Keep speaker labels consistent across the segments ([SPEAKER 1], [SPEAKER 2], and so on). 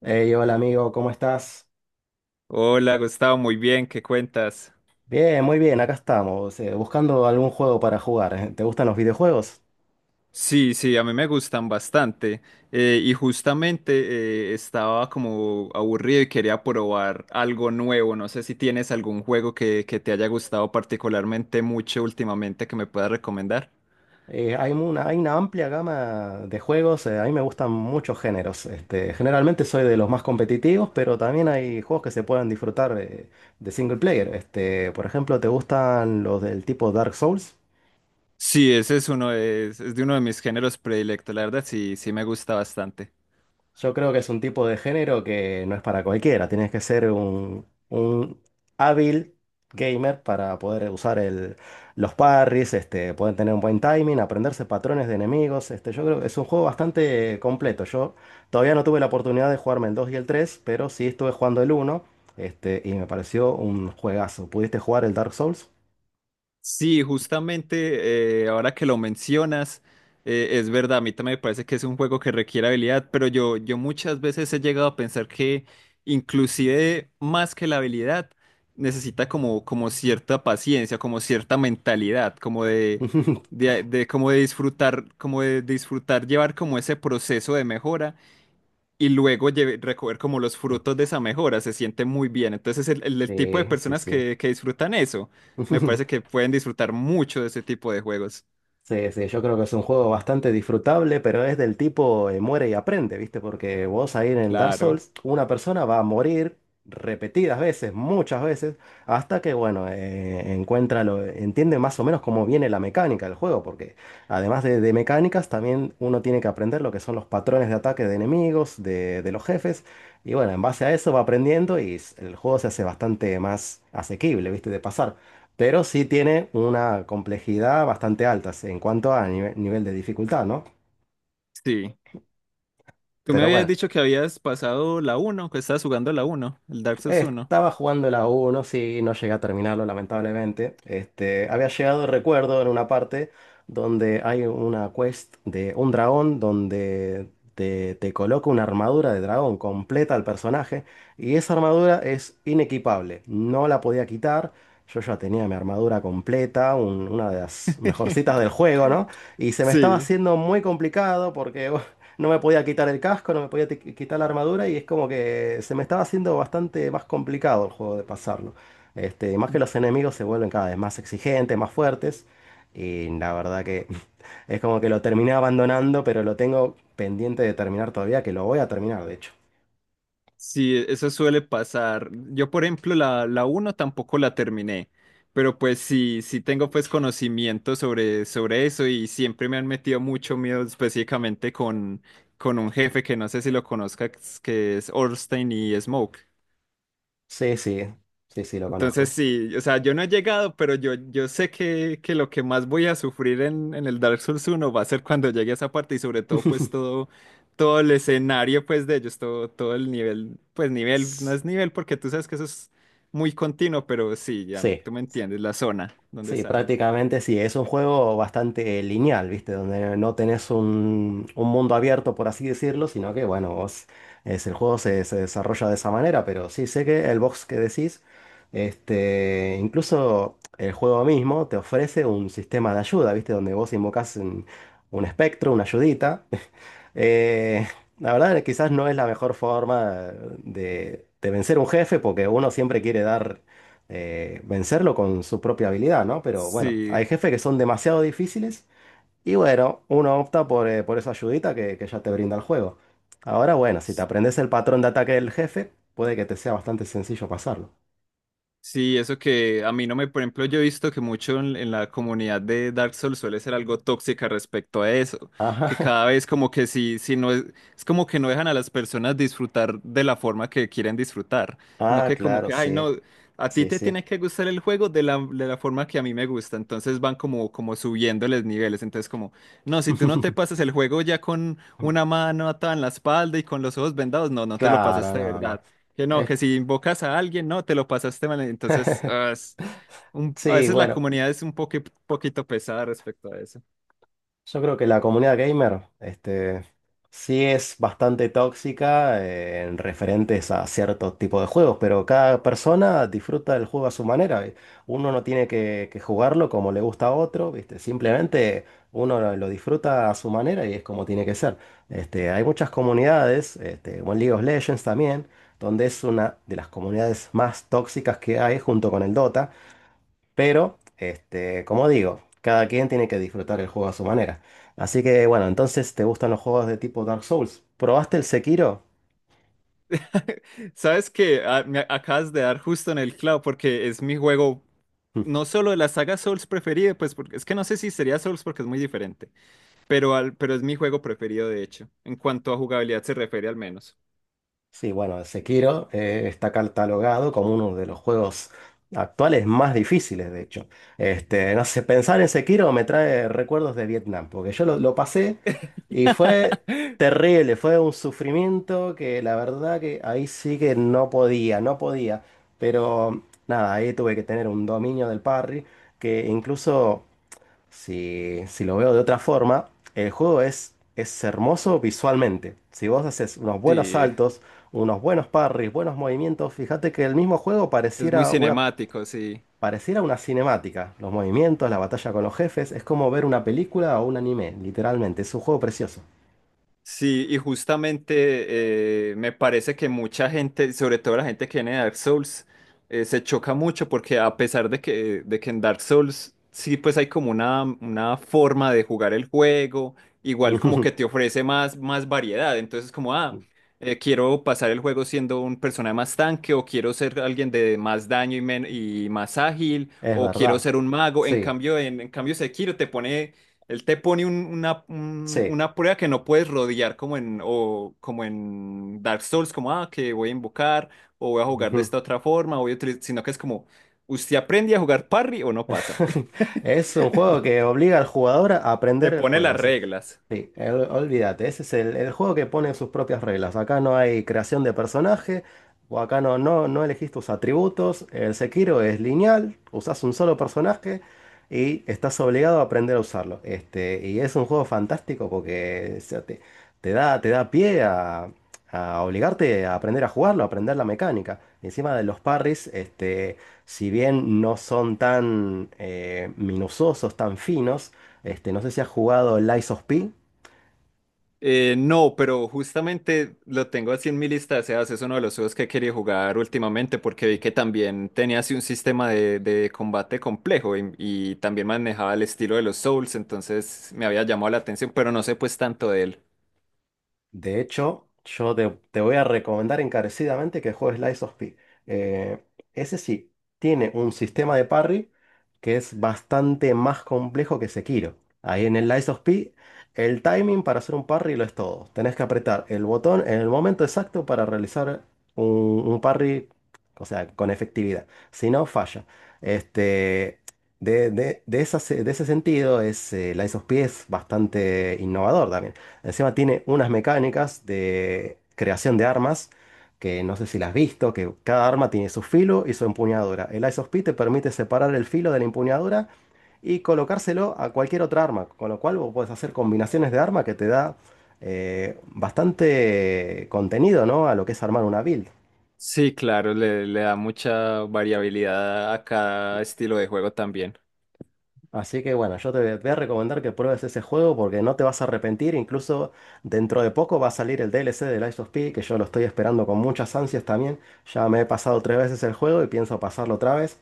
[SPEAKER 1] Hey, hola amigo, ¿cómo estás?
[SPEAKER 2] Hola, Gustavo, muy bien, ¿qué cuentas?
[SPEAKER 1] Bien, muy bien, acá estamos, buscando algún juego para jugar. ¿Te gustan los videojuegos?
[SPEAKER 2] Sí, sí, a mí me gustan bastante. Y justamente, estaba como aburrido y quería probar algo nuevo. No sé si tienes algún juego que te haya gustado particularmente mucho últimamente que me puedas recomendar.
[SPEAKER 1] Hay una amplia gama de juegos, a mí me gustan muchos géneros. Generalmente soy de los más competitivos, pero también hay juegos que se pueden disfrutar de single player. Por ejemplo, ¿te gustan los del tipo Dark Souls?
[SPEAKER 2] Sí, ese es uno de, es de uno de mis géneros predilectos. La verdad, sí, sí me gusta bastante.
[SPEAKER 1] Yo creo que es un tipo de género que no es para cualquiera. Tienes que ser un hábil gamer para poder los parries, poder tener un buen timing, aprenderse patrones de enemigos. Yo creo que es un juego bastante completo. Yo todavía no tuve la oportunidad de jugarme el 2 y el 3, pero sí estuve jugando el uno, y me pareció un juegazo. ¿Pudiste jugar el Dark Souls?
[SPEAKER 2] Sí, justamente, ahora que lo mencionas, es verdad, a mí también me parece que es un juego que requiere habilidad, pero yo muchas veces he llegado a pensar que inclusive más que la habilidad, necesita como, como cierta paciencia, como cierta mentalidad, como de disfrutar llevar como ese proceso de mejora y luego recoger como los frutos de esa mejora. Se siente muy bien. Entonces, el tipo de
[SPEAKER 1] Sí, sí,
[SPEAKER 2] personas
[SPEAKER 1] sí.
[SPEAKER 2] que disfrutan eso, me parece que pueden disfrutar mucho de ese tipo de juegos.
[SPEAKER 1] Sí, sí, yo creo que es un juego bastante disfrutable, pero es del tipo muere y aprende, ¿viste? Porque vos ahí en el Dark
[SPEAKER 2] Claro,
[SPEAKER 1] Souls, una persona va a morir repetidas veces, muchas veces, hasta que, bueno, entiende más o menos cómo viene la mecánica del juego, porque además de mecánicas, también uno tiene que aprender lo que son los patrones de ataque de enemigos, de los jefes, y bueno, en base a eso va aprendiendo y el juego se hace bastante más asequible, ¿viste? De pasar. Pero sí tiene una complejidad bastante alta en cuanto a nivel de dificultad, ¿no?
[SPEAKER 2] sí. Tú me
[SPEAKER 1] Pero
[SPEAKER 2] habías
[SPEAKER 1] bueno,
[SPEAKER 2] dicho que habías pasado la uno, que estabas jugando la uno, el Dark Souls uno.
[SPEAKER 1] estaba jugando la 1, sí, no llegué a terminarlo, lamentablemente. Había llegado, recuerdo, en una parte donde hay una quest de un dragón donde te coloca una armadura de dragón completa al personaje y esa armadura es inequipable, no la podía quitar. Yo ya tenía mi armadura completa, una de las mejorcitas del juego, ¿no? Y se me estaba
[SPEAKER 2] Sí.
[SPEAKER 1] haciendo muy complicado porque no me podía quitar el casco, no me podía quitar la armadura y es como que se me estaba haciendo bastante más complicado el juego de pasarlo. Y más que los enemigos se vuelven cada vez más exigentes, más fuertes. Y la verdad que es como que lo terminé abandonando, pero lo tengo pendiente de terminar todavía, que lo voy a terminar, de hecho.
[SPEAKER 2] Sí, eso suele pasar. Yo, por ejemplo, la uno tampoco la terminé, pero pues sí, sí tengo pues conocimiento sobre eso, y siempre me han metido mucho miedo específicamente con un jefe que no sé si lo conozcas, que es Orstein y Smoke.
[SPEAKER 1] Sí, sí, sí, sí, lo
[SPEAKER 2] Entonces
[SPEAKER 1] conozco.
[SPEAKER 2] sí, o sea, yo no he llegado, pero yo sé que lo que más voy a sufrir en el Dark Souls uno va a ser cuando llegue a esa parte, y sobre todo pues todo, todo el escenario pues de ellos, todo, todo el nivel, pues nivel, no es nivel porque tú sabes que eso es muy continuo, pero sí, ya
[SPEAKER 1] Sí,
[SPEAKER 2] tú me entiendes, la zona donde
[SPEAKER 1] sí,
[SPEAKER 2] salen.
[SPEAKER 1] prácticamente sí, es un juego bastante lineal, ¿viste? Donde no tenés un mundo abierto, por así decirlo, sino que, bueno, vos, el juego se desarrolla de esa manera, pero sí sé que el box que decís, incluso el juego mismo te ofrece un sistema de ayuda, ¿viste? Donde vos invocás un espectro, una ayudita. Eh, la verdad, quizás no es la mejor forma de vencer un jefe, porque uno siempre quiere dar, vencerlo con su propia habilidad, ¿no? Pero bueno,
[SPEAKER 2] Sí.
[SPEAKER 1] hay jefes que son demasiado difíciles y bueno, uno opta por esa ayudita que ya te brinda el juego. Ahora, bueno, si te aprendes el patrón de ataque del jefe, puede que te sea bastante sencillo pasarlo.
[SPEAKER 2] Sí, eso que a mí no me, por ejemplo, yo he visto que mucho en la comunidad de Dark Souls suele ser algo tóxica respecto a eso, que
[SPEAKER 1] Ajá.
[SPEAKER 2] cada vez como que si no es, es como que no dejan a las personas disfrutar de la forma que quieren disfrutar. No
[SPEAKER 1] Ah,
[SPEAKER 2] que como
[SPEAKER 1] claro,
[SPEAKER 2] que, ay,
[SPEAKER 1] sí,
[SPEAKER 2] no, a ti
[SPEAKER 1] sí,
[SPEAKER 2] te
[SPEAKER 1] sí.
[SPEAKER 2] tiene que gustar el juego de la forma que a mí me gusta, entonces van como, como subiéndoles niveles, entonces como, no, si tú no te pasas el juego ya con una mano atada en la espalda y con los ojos vendados, no, no te lo
[SPEAKER 1] Claro,
[SPEAKER 2] pasaste de
[SPEAKER 1] no, no.
[SPEAKER 2] verdad. Que no,
[SPEAKER 1] Es-
[SPEAKER 2] que si invocas a alguien, no, te lo pasaste mal. Entonces, ah, es a
[SPEAKER 1] Sí,
[SPEAKER 2] veces la
[SPEAKER 1] bueno.
[SPEAKER 2] comunidad es un poquito pesada respecto a eso.
[SPEAKER 1] Yo creo que la comunidad gamer, sí es bastante tóxica en referentes a ciertos tipos de juegos, pero cada persona disfruta del juego a su manera. ¿Vi? Uno no tiene que jugarlo como le gusta a otro, ¿viste? Simplemente uno lo disfruta a su manera y es como tiene que ser. Hay muchas comunidades, como en League of Legends también, donde es una de las comunidades más tóxicas que hay junto con el Dota. Pero, como digo, cada quien tiene que disfrutar el juego a su manera. Así que bueno, entonces, ¿te gustan los juegos de tipo Dark Souls? ¿Probaste el Sekiro?
[SPEAKER 2] Sabes que me acabas de dar justo en el clavo porque es mi juego, no solo de la saga Souls preferido, pues porque es que no sé si sería Souls porque es muy diferente, pero, al, pero es mi juego preferido, de hecho, en cuanto a jugabilidad se refiere, al menos.
[SPEAKER 1] Sí, bueno, Sekiro está catalogado como uno de los juegos actuales más difíciles, de hecho. No sé, pensar en Sekiro me trae recuerdos de Vietnam, porque yo lo pasé y fue terrible, fue un sufrimiento que la verdad que ahí sí que no podía, no podía. Pero nada, ahí tuve que tener un dominio del parry que incluso... Si lo veo de otra forma, el juego es hermoso visualmente. Si vos haces unos buenos
[SPEAKER 2] Sí,
[SPEAKER 1] saltos, unos buenos parries, buenos movimientos, fíjate que el mismo juego
[SPEAKER 2] es muy cinemático, sí.
[SPEAKER 1] pareciera una cinemática. Los movimientos, la batalla con los jefes, es como ver una película o un anime, literalmente. Es un juego precioso.
[SPEAKER 2] Sí, y justamente, me parece que mucha gente, sobre todo la gente que viene de Dark Souls, se choca mucho porque a pesar de que en Dark Souls sí pues hay como una forma de jugar el juego, igual como que te ofrece más variedad, entonces como, ah, quiero pasar el juego siendo un personaje más tanque, o quiero ser alguien de más daño y, y más ágil,
[SPEAKER 1] Es
[SPEAKER 2] o quiero
[SPEAKER 1] verdad.
[SPEAKER 2] ser un mago. En
[SPEAKER 1] Sí,
[SPEAKER 2] cambio, en cambio Sekiro te pone, él te pone un- una, un-
[SPEAKER 1] sí.
[SPEAKER 2] una prueba que no puedes rodear como en, o como en Dark Souls, como, ah, que voy a invocar, o voy a jugar de esta otra forma, o voy a utilizar, sino que es como, ¿usted aprende a jugar parry o no pasa?
[SPEAKER 1] Es un juego que obliga al jugador a
[SPEAKER 2] Te
[SPEAKER 1] aprender el
[SPEAKER 2] pone
[SPEAKER 1] juego.
[SPEAKER 2] las
[SPEAKER 1] O sea,
[SPEAKER 2] reglas.
[SPEAKER 1] sí, olvídate, ese es el juego que pone sus propias reglas. Acá no hay creación de personaje, o acá no, no, no elegís tus atributos. El Sekiro es lineal, usás un solo personaje y estás obligado a aprender a usarlo. Y es un juego fantástico porque o sea, te, te da pie a obligarte a aprender a jugarlo, a aprender la mecánica. Encima de los parries, este si bien no son tan minuciosos, tan finos, no sé si has jugado el Lies of P.
[SPEAKER 2] No, pero justamente lo tengo así en mi lista de deseados. Es uno de los juegos que quería jugar últimamente porque vi que también tenía así un sistema de combate complejo, y también manejaba el estilo de los Souls, entonces me había llamado la atención, pero no sé pues tanto de él.
[SPEAKER 1] De hecho, yo te voy a recomendar encarecidamente que juegues Lies of P. Eh, Ese sí, tiene un sistema de parry que es bastante más complejo que Sekiro. Ahí en el Lies of P, el timing para hacer un parry lo es todo. Tenés que apretar el botón en el momento exacto para realizar un, un parry, o sea, con efectividad. Si no, falla. Este, de esa de ese sentido, Lies of P es bastante innovador también. Encima tiene unas mecánicas de creación de armas que no sé si las has visto, que cada arma tiene su filo y su empuñadura. El Ice of P te permite separar el filo de la empuñadura y colocárselo a cualquier otra arma, con lo cual vos podés hacer combinaciones de arma que te da bastante contenido, ¿no? A lo que es armar una build.
[SPEAKER 2] Sí, claro, le da mucha variabilidad a cada estilo de juego también.
[SPEAKER 1] Así que bueno, yo te voy a recomendar que pruebes ese juego porque no te vas a arrepentir. Incluso dentro de poco va a salir el DLC de Lies of P, que yo lo estoy esperando con muchas ansias también. Ya me he pasado tres veces el juego y pienso pasarlo otra vez.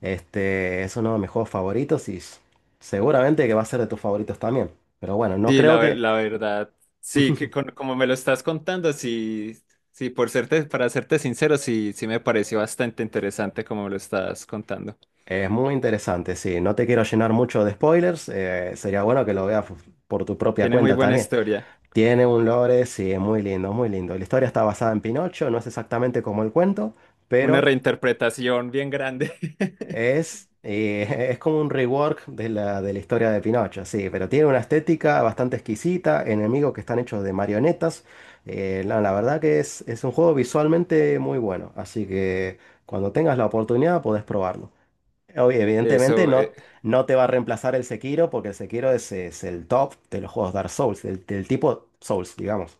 [SPEAKER 1] Este es uno de mis juegos favoritos y seguramente que va a ser de tus favoritos también. Pero bueno, no
[SPEAKER 2] Sí,
[SPEAKER 1] creo
[SPEAKER 2] la, ver-
[SPEAKER 1] que
[SPEAKER 2] la verdad, sí, que como me lo estás contando, sí, sí, para serte sincero, sí, sí me pareció bastante interesante como me lo estás contando.
[SPEAKER 1] es muy interesante. Sí, no te quiero llenar mucho de spoilers. Sería bueno que lo veas por tu propia
[SPEAKER 2] Tiene muy
[SPEAKER 1] cuenta
[SPEAKER 2] buena
[SPEAKER 1] también.
[SPEAKER 2] historia,
[SPEAKER 1] Tiene un lore, sí, es muy lindo, muy lindo. La historia está basada en Pinocho, no es exactamente como el cuento,
[SPEAKER 2] una
[SPEAKER 1] pero
[SPEAKER 2] reinterpretación bien grande.
[SPEAKER 1] es como un rework de de la historia de Pinocho, sí, pero tiene una estética bastante exquisita, enemigos que están hechos de marionetas. La verdad que es un juego visualmente muy bueno, así que cuando tengas la oportunidad podés probarlo. Oye, evidentemente
[SPEAKER 2] Eso,
[SPEAKER 1] no, no te va a reemplazar el Sekiro, porque el Sekiro es el top de los juegos Dark Souls, del tipo Souls, digamos.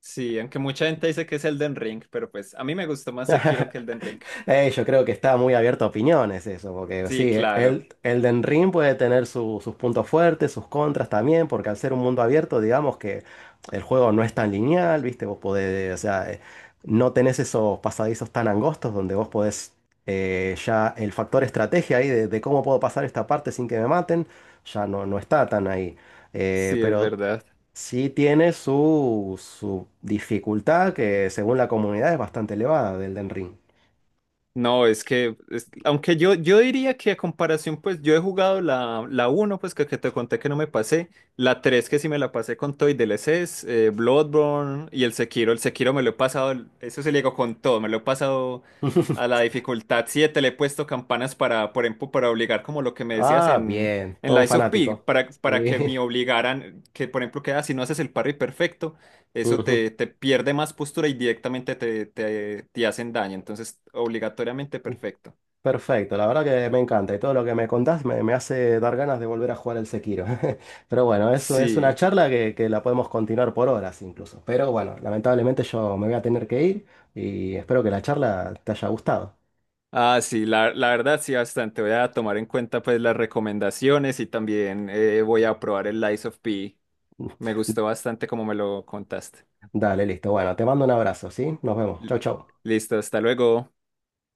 [SPEAKER 2] sí, aunque mucha gente dice que es Elden Ring, pero pues a mí me gustó más Sekiro que Elden Ring.
[SPEAKER 1] Yo creo que está muy abierto a opiniones eso, porque
[SPEAKER 2] Sí,
[SPEAKER 1] sí,
[SPEAKER 2] claro,
[SPEAKER 1] Elden Ring puede tener sus puntos fuertes, sus contras también, porque al ser un mundo abierto, digamos que el juego no es tan lineal, ¿viste? Vos podés, o sea, no tenés esos pasadizos tan angostos donde vos podés ya el factor estrategia ahí de cómo puedo pasar esta parte sin que me maten, ya no, no está tan ahí.
[SPEAKER 2] sí, es
[SPEAKER 1] Pero
[SPEAKER 2] verdad.
[SPEAKER 1] sí tiene su dificultad que según la comunidad es bastante elevada del Elden Ring.
[SPEAKER 2] No, aunque yo diría que a comparación, pues yo he jugado la uno, pues que te conté que no me pasé, la tres, que sí me la pasé con todo y DLCs, Bloodborne y el Sekiro. El Sekiro me lo he pasado, eso se le digo, con todo, me lo he pasado a la dificultad 7. Le he puesto campanas para, por ejemplo, para obligar, como lo que me decías
[SPEAKER 1] Ah, bien,
[SPEAKER 2] en
[SPEAKER 1] todo un
[SPEAKER 2] Lies of P,
[SPEAKER 1] fanático.
[SPEAKER 2] para
[SPEAKER 1] Sí.
[SPEAKER 2] que me obligaran, que por ejemplo, que ah, si no haces el parry perfecto, eso
[SPEAKER 1] Ujú.
[SPEAKER 2] te, te pierde más postura y directamente te hacen daño. Entonces, obligatoriamente perfecto.
[SPEAKER 1] Perfecto, la verdad que me encanta y todo lo que me contás me hace dar ganas de volver a jugar el Sekiro. Pero bueno, eso es una
[SPEAKER 2] Sí.
[SPEAKER 1] charla que la podemos continuar por horas incluso. Pero bueno, lamentablemente yo me voy a tener que ir y espero que la charla te haya gustado.
[SPEAKER 2] Ah, sí, la verdad sí, bastante. Voy a tomar en cuenta pues las recomendaciones y también, voy a probar el Lies of P. Me gustó bastante como me lo contaste.
[SPEAKER 1] Dale, listo. Bueno, te mando un abrazo, ¿sí? Nos vemos.
[SPEAKER 2] L-
[SPEAKER 1] Chau, chau.
[SPEAKER 2] Listo, hasta luego.